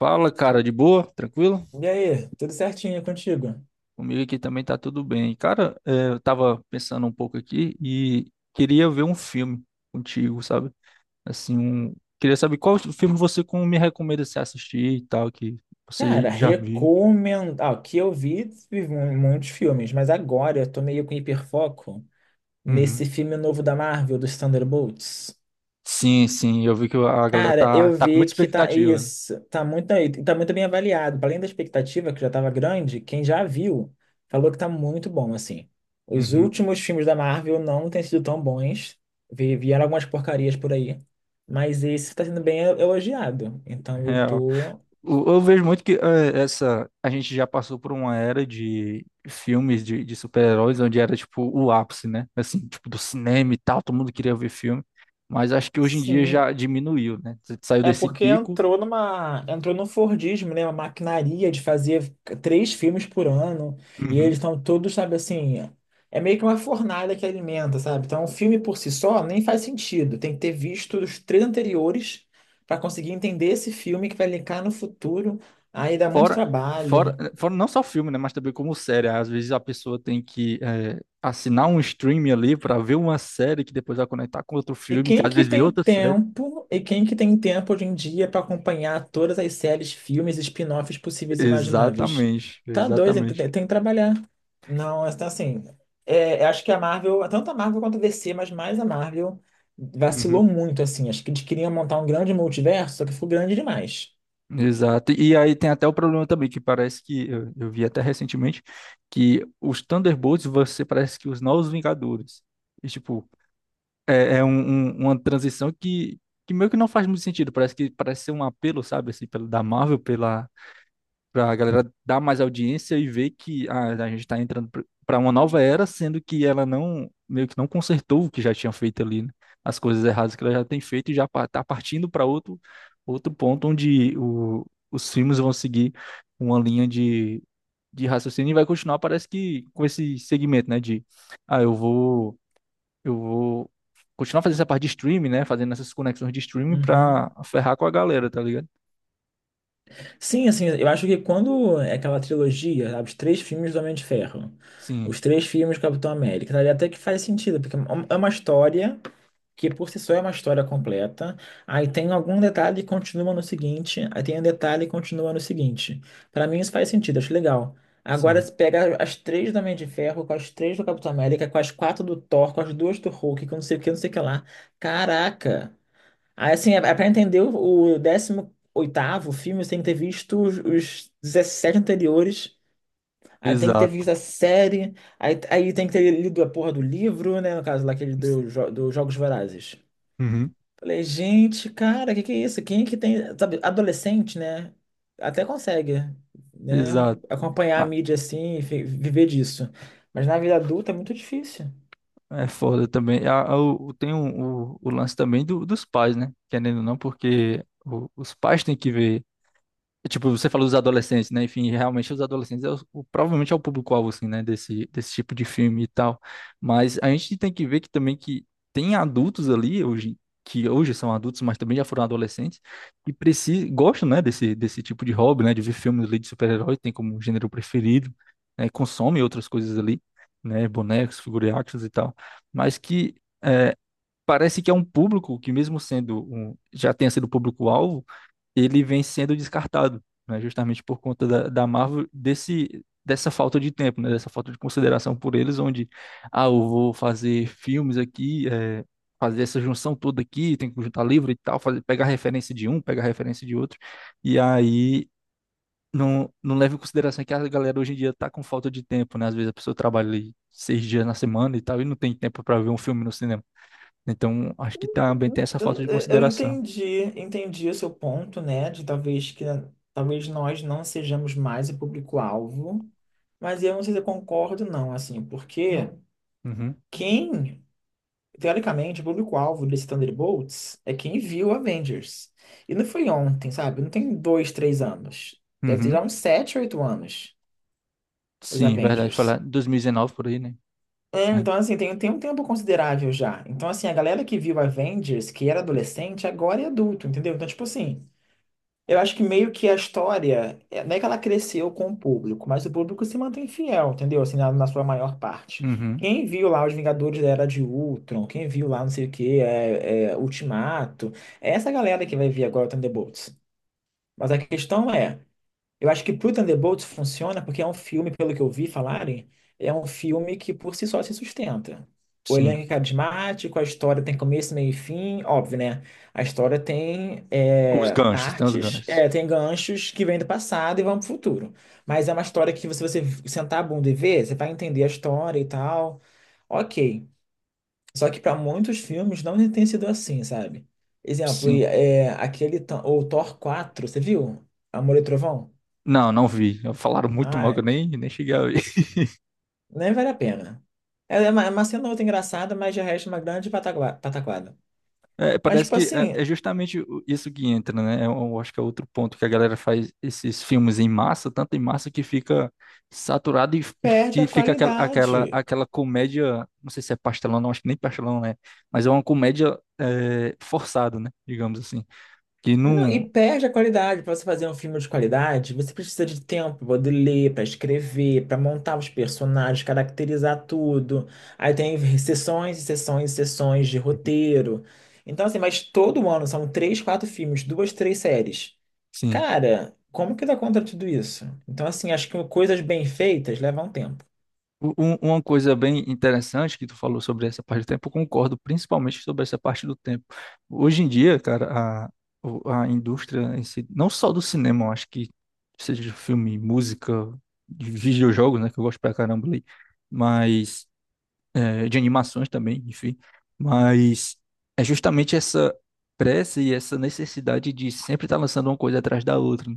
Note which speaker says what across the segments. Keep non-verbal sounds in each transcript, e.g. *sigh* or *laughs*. Speaker 1: Fala, cara, de boa? Tranquilo?
Speaker 2: E aí, tudo certinho contigo?
Speaker 1: Comigo aqui também tá tudo bem. Cara, eu tava pensando um pouco aqui e queria ver um filme contigo, sabe? Assim, queria saber qual filme você me recomenda se assistir e tal, que você
Speaker 2: Cara,
Speaker 1: já viu.
Speaker 2: recomendo. Ah, o que eu vi muitos filmes, mas agora eu tô meio com hiperfoco nesse
Speaker 1: Uhum.
Speaker 2: filme novo da Marvel, dos Thunderbolts.
Speaker 1: Sim, sim, eu vi que a galera
Speaker 2: Cara,
Speaker 1: tá,
Speaker 2: eu
Speaker 1: tá com
Speaker 2: vi
Speaker 1: muita
Speaker 2: que tá
Speaker 1: expectativa, né?
Speaker 2: isso, tá muito bem avaliado. Além da expectativa, que já estava grande, quem já viu falou que tá muito bom, assim. Os
Speaker 1: Uhum.
Speaker 2: últimos filmes da Marvel não têm sido tão bons. Vieram algumas porcarias por aí. Mas esse tá sendo bem elogiado. Então eu
Speaker 1: *laughs*
Speaker 2: tô.
Speaker 1: Eu vejo muito que essa a gente já passou por uma era de filmes de super-heróis onde era tipo o ápice, né? Assim, tipo do cinema e tal, todo mundo queria ver filme, mas acho que hoje em dia
Speaker 2: Sim,
Speaker 1: já diminuiu, né? Você saiu
Speaker 2: é
Speaker 1: desse
Speaker 2: porque
Speaker 1: pico.
Speaker 2: entrou no Fordismo, né? Uma maquinaria de fazer três filmes por ano. E eles
Speaker 1: Uhum.
Speaker 2: estão todos, sabe, assim. É meio que uma fornalha que alimenta, sabe? Então, um filme por si só nem faz sentido. Tem que ter visto os três anteriores para conseguir entender esse filme que vai linkar no futuro. Aí dá muito
Speaker 1: Fora, fora,
Speaker 2: trabalho.
Speaker 1: fora não só filme, né? Mas também como série. Às vezes a pessoa tem que assinar um streaming ali para ver uma série que depois vai conectar com outro
Speaker 2: E
Speaker 1: filme, que
Speaker 2: quem
Speaker 1: às
Speaker 2: que
Speaker 1: vezes vem
Speaker 2: tem
Speaker 1: outra série.
Speaker 2: tempo, e quem que tem tempo hoje em dia para acompanhar todas as séries, filmes, spin-offs possíveis e imagináveis?
Speaker 1: Exatamente,
Speaker 2: Tá doido, tem,
Speaker 1: exatamente.
Speaker 2: tem- tem que trabalhar. Não, é, tá assim, é, eu acho que a Marvel, tanto a Marvel quanto a DC, mas mais a Marvel, vacilou
Speaker 1: Uhum.
Speaker 2: muito, assim. Acho que eles queriam montar um grande multiverso, só que foi grande demais.
Speaker 1: Exato. E aí tem até o problema também, que parece que eu vi até recentemente que os Thunderbolts você parece que os Novos Vingadores. E, tipo, é uma transição que meio que não faz muito sentido. Parece que parece ser um apelo, sabe, assim, da Marvel pela para a galera dar mais audiência e ver que a gente está entrando para uma nova era, sendo que ela não, meio que não consertou o que já tinha feito ali, né? As coisas erradas que ela já tem feito e já está partindo para outro ponto onde os filmes vão seguir uma linha de raciocínio e vai continuar, parece que com esse segmento, né? Ah, eu vou, eu vou continuar fazendo essa parte de streaming, né? Fazendo essas conexões de streaming para
Speaker 2: Uhum.
Speaker 1: ferrar com a galera, tá ligado?
Speaker 2: Sim, assim, eu acho que quando é aquela trilogia, sabe, os três filmes do Homem de Ferro,
Speaker 1: Sim,
Speaker 2: os três filmes do Capitão América, sabe, até que faz sentido, porque é uma história que por si só é uma história completa. Aí tem algum detalhe e continua no seguinte, aí tem um detalhe e continua no seguinte. Pra mim isso faz sentido, acho legal. Agora
Speaker 1: sim.
Speaker 2: se pega as três do Homem de Ferro, com as três do Capitão América, com as quatro do Thor, com as duas do Hulk, com não sei o que, não sei o que lá. Caraca! Aí assim, é é pra entender o 18º filme, você tem que ter visto os 17 anteriores. Aí tem que ter
Speaker 1: Exato.
Speaker 2: visto a série, aí, aí tem que ter lido a porra do livro, né? No caso lá, aquele dos Jogos Vorazes.
Speaker 1: Uhum.
Speaker 2: Falei, gente, cara, o que que é isso? Quem é que tem, sabe, adolescente, né? Até consegue, né?
Speaker 1: Exato.
Speaker 2: Acompanhar a
Speaker 1: Ah,
Speaker 2: mídia assim, e viver disso. Mas na vida adulta é muito difícil.
Speaker 1: é foda também. O lance também dos pais, né? Querendo ou não, porque os pais têm que ver. Tipo, você falou dos adolescentes, né? Enfim, realmente os adolescentes provavelmente é o público-alvo, assim, né? Desse tipo de filme e tal. Mas a gente tem que ver que também que tem adultos ali hoje, que hoje são adultos, mas também já foram adolescentes, que precisam, gostam, né? Desse tipo de hobby, né? De ver filmes ali de super-herói, tem como gênero preferido, né? Consomem outras coisas ali, né? Bonecos, figurinhas e tal. Mas que é, parece que é um público que mesmo sendo um, já tenha sido público-alvo, ele vem sendo descartado, né? Justamente por conta da Marvel desse dessa falta de tempo, né? Dessa falta de consideração por eles, onde eu vou fazer filmes aqui, fazer essa junção toda aqui, tem que juntar livro e tal, fazer pegar referência de um, pegar referência de outro, e aí não, não leva em consideração que a galera hoje em dia tá com falta de tempo, né? Às vezes a pessoa trabalha ali 6 dias na semana e tal, e não tem tempo para ver um filme no cinema. Então, acho que também tem essa
Speaker 2: Eu,
Speaker 1: falta
Speaker 2: não-
Speaker 1: de
Speaker 2: eu
Speaker 1: consideração.
Speaker 2: entendi, entendi o seu ponto, né? De talvez nós não sejamos mais o público-alvo, mas eu não sei se eu concordo, não, assim, porque
Speaker 1: Uhum,
Speaker 2: quem teoricamente, o público-alvo desse Thunderbolts é quem viu Avengers. E não foi ontem, sabe? Não tem dois, três anos. Deve ter já
Speaker 1: uhum.
Speaker 2: uns sete, oito anos, os
Speaker 1: Sim, verdade. Foi lá
Speaker 2: Avengers.
Speaker 1: em 2019 por aí, né?
Speaker 2: É,
Speaker 1: É.
Speaker 2: então, assim, tem um tempo considerável já. Então, assim, a galera que viu Avengers, que era adolescente, agora é adulto, entendeu? Então, tipo assim, eu acho que meio que a história, é- não é que ela cresceu com o público, mas o público se mantém fiel, entendeu? Assim, na sua maior parte.
Speaker 1: Uhum,
Speaker 2: Quem viu lá Os Vingadores da Era de Ultron, quem viu lá não sei o que, Ultimato, é essa galera que vai vir agora o Thunderbolts. Mas a questão é, eu acho que pro Thunderbolts funciona porque é um filme, pelo que eu vi falarem, é um filme que por si só se sustenta. O
Speaker 1: sim.
Speaker 2: elenco é carismático, a história tem começo, meio e fim, óbvio, né? A história tem
Speaker 1: Os ganchos, tem os
Speaker 2: partes,
Speaker 1: ganchos.
Speaker 2: tem ganchos que vêm do passado e vão pro futuro. Mas é uma história que, se você sentar a bunda e ver, você vai entender a história e tal. Ok. Só que para muitos filmes não tem sido assim, sabe? Exemplo, e,
Speaker 1: Sim.
Speaker 2: é, aquele, o Thor 4, você viu? Amor e Trovão?
Speaker 1: Não, não vi. Falaram muito mal que
Speaker 2: Ah,
Speaker 1: eu nem cheguei a ver. *laughs*
Speaker 2: nem vale a pena. Ela é uma cena outra engraçada, mas de resto é uma grande pataquada.
Speaker 1: É,
Speaker 2: Mas,
Speaker 1: parece
Speaker 2: tipo
Speaker 1: que é
Speaker 2: assim,
Speaker 1: é justamente isso que entra, né? Eu acho que é outro ponto que a galera faz esses filmes em massa, tanto em massa que fica saturado e, e,
Speaker 2: perde
Speaker 1: e
Speaker 2: a
Speaker 1: fica aquela, aquela,
Speaker 2: qualidade.
Speaker 1: aquela comédia. Não sei se é pastelão, não, acho que nem pastelão, né? Mas é uma comédia forçada, né? Digamos assim. Que
Speaker 2: Não, e
Speaker 1: não.
Speaker 2: perde a qualidade. Para você fazer um filme de qualidade, você precisa de tempo para poder ler, para escrever, para montar os personagens, caracterizar tudo. Aí tem sessões e sessões e sessões de roteiro. Então, assim, mas todo ano são três, quatro filmes, duas, três séries.
Speaker 1: Sim,
Speaker 2: Cara, como que dá conta de tudo isso? Então, assim, acho que coisas bem feitas levam tempo.
Speaker 1: uma coisa bem interessante que tu falou sobre essa parte do tempo, eu concordo principalmente sobre essa parte do tempo. Hoje em dia, cara, a indústria em si, não só do cinema, eu acho que seja de filme, música, de videojogos, né, que eu gosto pra caramba ali, mas de animações também, enfim, mas é justamente essa pressa e essa necessidade de sempre estar lançando uma coisa atrás da outra, né?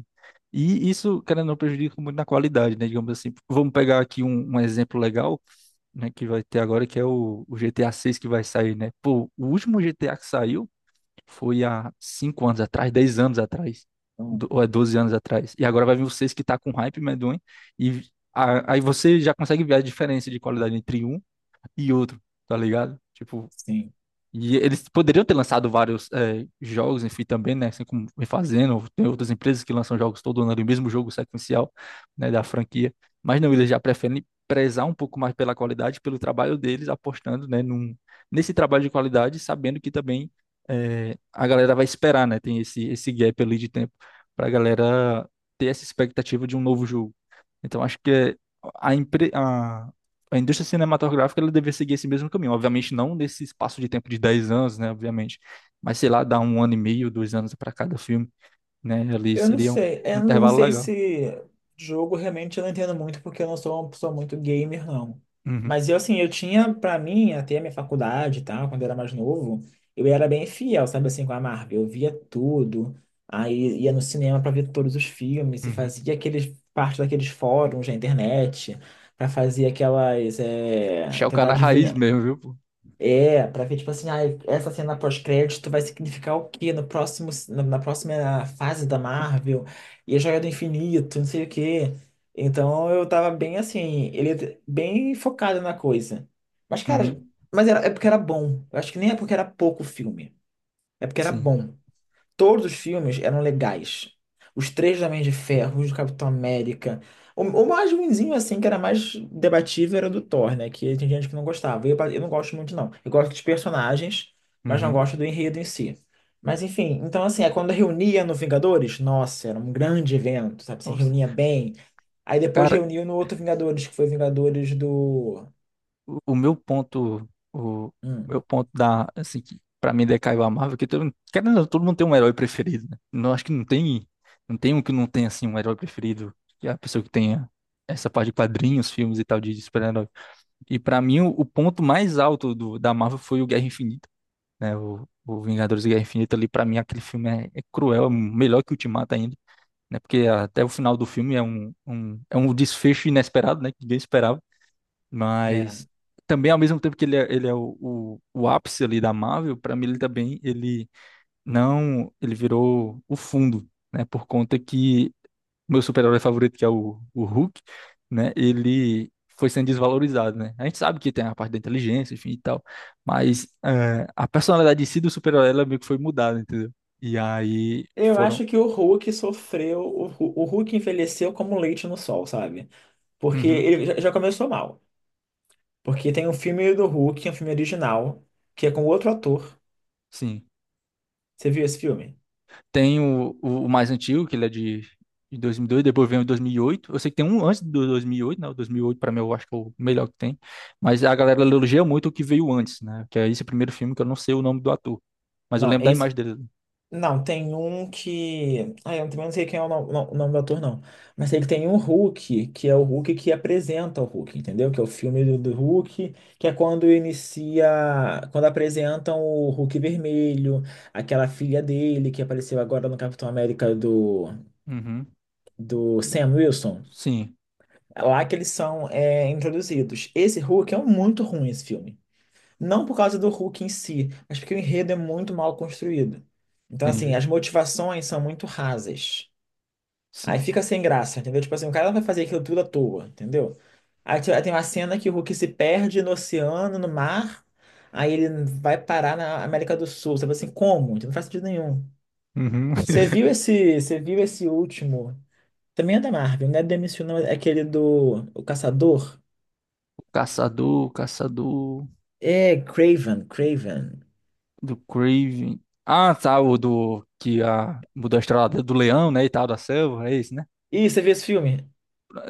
Speaker 1: E isso, querendo ou não, prejudica muito na qualidade, né? Digamos assim, vamos pegar aqui um exemplo legal, né, que vai ter agora, que é o GTA 6 que vai sair, né? Pô, o último GTA que saiu foi há 5 anos atrás, 10 anos atrás, ou é 12 anos atrás. E agora vai vir o 6 que tá com hype medonho, e aí você já consegue ver a diferença de qualidade entre um e outro, tá ligado? Tipo,
Speaker 2: Sim.
Speaker 1: e eles poderiam ter lançado vários jogos, enfim, também, né? Assim como vem fazendo. Tem outras empresas que lançam jogos todo ano o mesmo jogo sequencial, né, da franquia. Mas não, eles já preferem prezar um pouco mais pela qualidade, pelo trabalho deles, apostando, né, nesse trabalho de qualidade, sabendo que também a galera vai esperar, né? Tem esse gap ali de tempo para a galera ter essa expectativa de um novo jogo. Então acho que a, empre- a, a indústria cinematográfica ela deveria seguir esse mesmo caminho. Obviamente não nesse espaço de tempo de 10 anos, né? Obviamente. Mas sei lá, dar 1 ano e meio, 2 anos para cada filme, né? Ali seria um
Speaker 2: Eu não
Speaker 1: intervalo
Speaker 2: sei
Speaker 1: legal.
Speaker 2: se jogo realmente eu não entendo muito, porque eu não sou uma pessoa muito gamer, não.
Speaker 1: Uhum,
Speaker 2: Mas eu, assim, eu tinha, pra mim, até a minha faculdade e tal, quando eu era mais novo, eu era bem fiel, sabe, assim, com a Marvel. Eu via tudo, aí ia no cinema pra ver todos os filmes, e
Speaker 1: uhum.
Speaker 2: fazia aqueles, parte daqueles fóruns da internet, pra fazer aquelas, é,
Speaker 1: Achar o
Speaker 2: tentar
Speaker 1: cara raiz
Speaker 2: adivinhar.
Speaker 1: mesmo, viu, pô?
Speaker 2: É, pra ver, tipo assim, ah, essa cena pós-crédito vai significar o quê no próximo, na próxima fase da Marvel? E a Joia do Infinito, não sei o quê. Então eu tava bem assim, ele bem focado na coisa. Mas, cara,
Speaker 1: Uhum,
Speaker 2: mas era, é porque era bom. Eu acho que nem é porque era pouco filme. É porque era
Speaker 1: sim.
Speaker 2: bom. Todos os filmes eram legais. Os três do Homem de Ferro, os do Capitão América. O mais ruinzinho, assim, que era mais debatível, era o do Thor, né? Que tem gente que não gostava. Eu não gosto muito, não. Eu gosto dos personagens, mas não
Speaker 1: Uhum.
Speaker 2: gosto do enredo em si. Mas, enfim, então, assim, é quando reunia no Vingadores, nossa, era um grande evento, sabe? Se reunia
Speaker 1: Nossa.
Speaker 2: bem. Aí depois
Speaker 1: Cara,
Speaker 2: reuniu no outro Vingadores, que foi Vingadores do.
Speaker 1: o o meu ponto, o
Speaker 2: Hum,
Speaker 1: meu ponto da, assim, que pra mim decaiu a Marvel, que querendo, ou não, todo mundo tem um herói preferido, né? Não, acho que não tem, não tem um que não tem, assim, um herói preferido, que é a pessoa que tenha essa parte de quadrinhos, filmes e tal, de super-herói. E pra mim, o ponto mais alto da Marvel foi o Guerra Infinita, né? O Vingadores e Guerra Infinita ali, pra mim, aquele filme é cruel, é melhor que o Ultimato ainda. Né, porque até o final do filme é um desfecho inesperado, né? Que ninguém esperava
Speaker 2: é.
Speaker 1: mas também, ao mesmo tempo que ele é o ápice ali da Marvel, para mim ele também, ele não, ele virou o fundo, né? Por conta que meu super-herói favorito, que é o Hulk, né? Ele foi sendo desvalorizado, né? A gente sabe que tem a parte da inteligência, enfim e tal, mas a personalidade em si do super-herói, ela meio que foi mudada, entendeu? E aí
Speaker 2: Eu
Speaker 1: foram...
Speaker 2: acho que o Hulk sofreu. O Hulk envelheceu como leite no sol, sabe? Porque
Speaker 1: Uhum,
Speaker 2: ele já já começou mal. Porque tem um filme do Hulk, um filme original, que é com outro ator.
Speaker 1: sim.
Speaker 2: Você viu esse filme?
Speaker 1: Tem o mais antigo, que ele é de 2002, depois vem o 2008. Eu sei que tem um antes do 2008, né? O 2008, para mim, eu acho que é o melhor que tem. Mas a galera elogia muito o que veio antes, né? Que é esse primeiro filme que eu não sei o nome do ator. Mas eu
Speaker 2: Não,
Speaker 1: lembro
Speaker 2: é
Speaker 1: da
Speaker 2: esse.
Speaker 1: imagem dele.
Speaker 2: Não, tem um que. Ah, eu também não sei quem é o nome do ator, não. Mas sei que tem um Hulk, que é o Hulk que apresenta o Hulk, entendeu? Que é o filme do Hulk, que é quando inicia. Quando apresentam o Hulk vermelho, aquela filha dele que apareceu agora no Capitão América do,
Speaker 1: Uhum.
Speaker 2: do Sam Wilson.
Speaker 1: Sim,
Speaker 2: É lá que eles são é, introduzidos. Esse Hulk é muito ruim, esse filme. Não por causa do Hulk em si, mas porque o enredo é muito mal construído. Então, assim,
Speaker 1: entendi.
Speaker 2: as motivações são muito rasas. Aí
Speaker 1: Sim.
Speaker 2: fica sem graça, entendeu? Tipo assim, o cara vai fazer aquilo tudo à toa, entendeu? Aí tem uma cena que o Hulk se perde no oceano, no mar, aí ele vai parar na América do Sul. Você fala assim, como? Não faz sentido nenhum.
Speaker 1: Uhum. *laughs*
Speaker 2: Você viu esse último? Também é da Marvel, não é do MCU, não, é aquele do o Caçador?
Speaker 1: Caçador
Speaker 2: É, Craven, Craven.
Speaker 1: do Craven. Ah, tá, o do que a mudou a estrela do leão, né, e tal, da selva, é esse, né?
Speaker 2: Ih, você viu esse filme?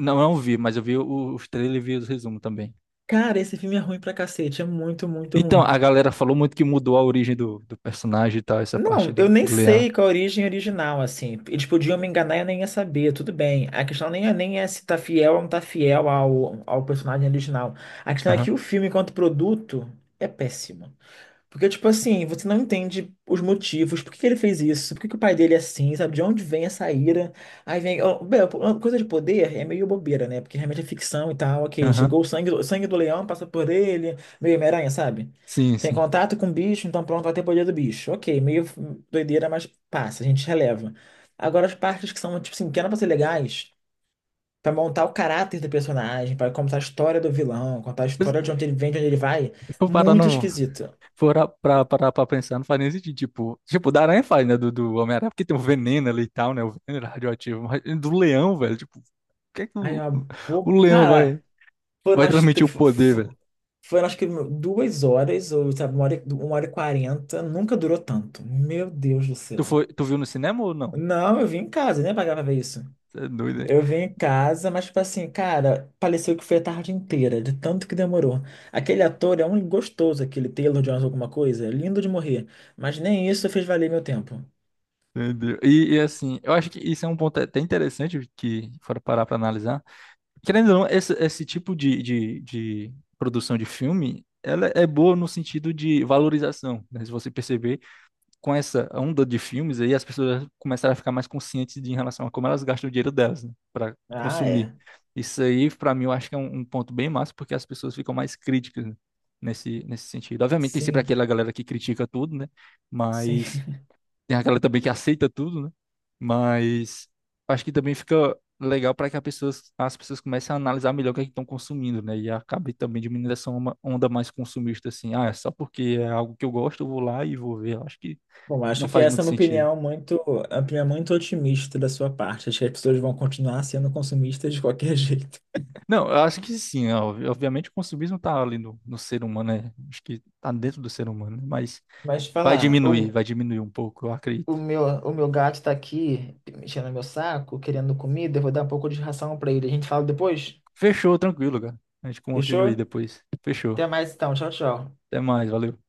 Speaker 1: Não, eu não vi, mas eu vi os trailers e vi os resumos também.
Speaker 2: Cara, esse filme é ruim pra cacete, é muito, muito
Speaker 1: Então,
Speaker 2: ruim.
Speaker 1: a galera falou muito que mudou a origem do personagem e tal, essa parte
Speaker 2: Não, eu
Speaker 1: do,
Speaker 2: nem
Speaker 1: do Leão.
Speaker 2: sei qual a origem original, assim. Eles podiam me enganar e eu nem ia saber, tudo bem. A questão nem é se tá fiel ou não tá fiel ao personagem original. A questão é que
Speaker 1: Aham,
Speaker 2: o filme, enquanto produto, é péssimo. Porque, tipo assim, você não entende os motivos, por que que ele fez isso, por que que o pai dele é assim, sabe? De onde vem essa ira? Aí vem. Ó, bem, uma coisa de poder é meio bobeira, né? Porque realmente é ficção e tal, ok.
Speaker 1: aham.
Speaker 2: Chegou o sangue, sangue do leão, passa por ele, meio Homem-Aranha, sabe?
Speaker 1: Sim,
Speaker 2: Tem
Speaker 1: sim.
Speaker 2: contato com o bicho, então pronto, vai ter poder do bicho. Ok, meio doideira, mas passa, a gente releva. Agora, as partes que são, tipo assim, que eram pra ser legais, pra montar o caráter do personagem, pra contar a história do vilão, contar a
Speaker 1: Mas
Speaker 2: história de onde ele vem, de onde ele vai,
Speaker 1: Se for parar
Speaker 2: muito
Speaker 1: no,
Speaker 2: esquisito.
Speaker 1: for a- pra, parar pra pensar, não faz nem sentido. Tipo, da aranha faz, né? Do Homem-Aranha, porque tem o veneno ali e tal, né? O veneno era radioativo. Mas do leão, velho, tipo, o que é que
Speaker 2: Ai,
Speaker 1: o,
Speaker 2: a
Speaker 1: o leão vai,
Speaker 2: Cara, foram
Speaker 1: vai
Speaker 2: as...
Speaker 1: transmitir
Speaker 2: tr-
Speaker 1: o
Speaker 2: fo-
Speaker 1: poder, velho?
Speaker 2: fo- Foram acho que duas horas, ou sabe, uma hora e quarenta. Nunca durou tanto. Meu Deus do
Speaker 1: Tu
Speaker 2: céu.
Speaker 1: foi, tu viu no cinema ou não?
Speaker 2: Não, eu vim em casa, né? Pagar pra ver isso.
Speaker 1: Você é doido, hein?
Speaker 2: Eu vim em casa, mas, tipo assim, cara, pareceu que foi a tarde inteira, de tanto que demorou. Aquele ator é um gostoso, aquele Taylor Jones, alguma coisa, é lindo de morrer. Mas nem isso fez valer meu tempo.
Speaker 1: Entendeu? E assim, eu acho que isso é um ponto até interessante que, for parar pra analisar. Querendo ou não, esse tipo de produção de filme, ela é boa no sentido de valorização, né? Se você perceber, com essa onda de filmes aí, as pessoas começaram a ficar mais conscientes em relação a como elas gastam o dinheiro delas, né? Para
Speaker 2: Ah,
Speaker 1: consumir.
Speaker 2: é.
Speaker 1: Isso aí, para mim, eu acho que é um ponto bem massa, porque as pessoas ficam mais críticas, né? Nesse sentido. Obviamente, tem sempre
Speaker 2: Sim,
Speaker 1: aquela galera que critica tudo, né?
Speaker 2: sim.
Speaker 1: Mas tem aquela também que aceita tudo, né? Mas acho que também fica legal para que as pessoas comecem a analisar melhor o que é que estão consumindo, né? E acabe também diminuindo essa onda mais consumista, assim. Ah, é só porque é algo que eu gosto, eu vou lá e vou ver. Eu acho que
Speaker 2: Bom,
Speaker 1: não
Speaker 2: acho que
Speaker 1: faz
Speaker 2: essa é
Speaker 1: muito
Speaker 2: uma
Speaker 1: sentido.
Speaker 2: opinião muito, uma opinião muito otimista da sua parte. Acho que as pessoas vão continuar sendo consumistas de qualquer *laughs* jeito.
Speaker 1: Não, eu acho que sim, ó, obviamente o consumismo tá ali no ser humano, né? Acho que tá dentro do ser humano, né? Mas
Speaker 2: Mas falar,
Speaker 1: vai diminuir um pouco, eu acredito.
Speaker 2: o meu gato tá aqui mexendo no meu saco, querendo comida, eu vou dar um pouco de ração pra ele. A gente fala depois?
Speaker 1: Fechou, tranquilo, cara. A gente continua aí
Speaker 2: Fechou?
Speaker 1: depois. Fechou.
Speaker 2: Até mais então, tchau, tchau.
Speaker 1: Até mais, valeu.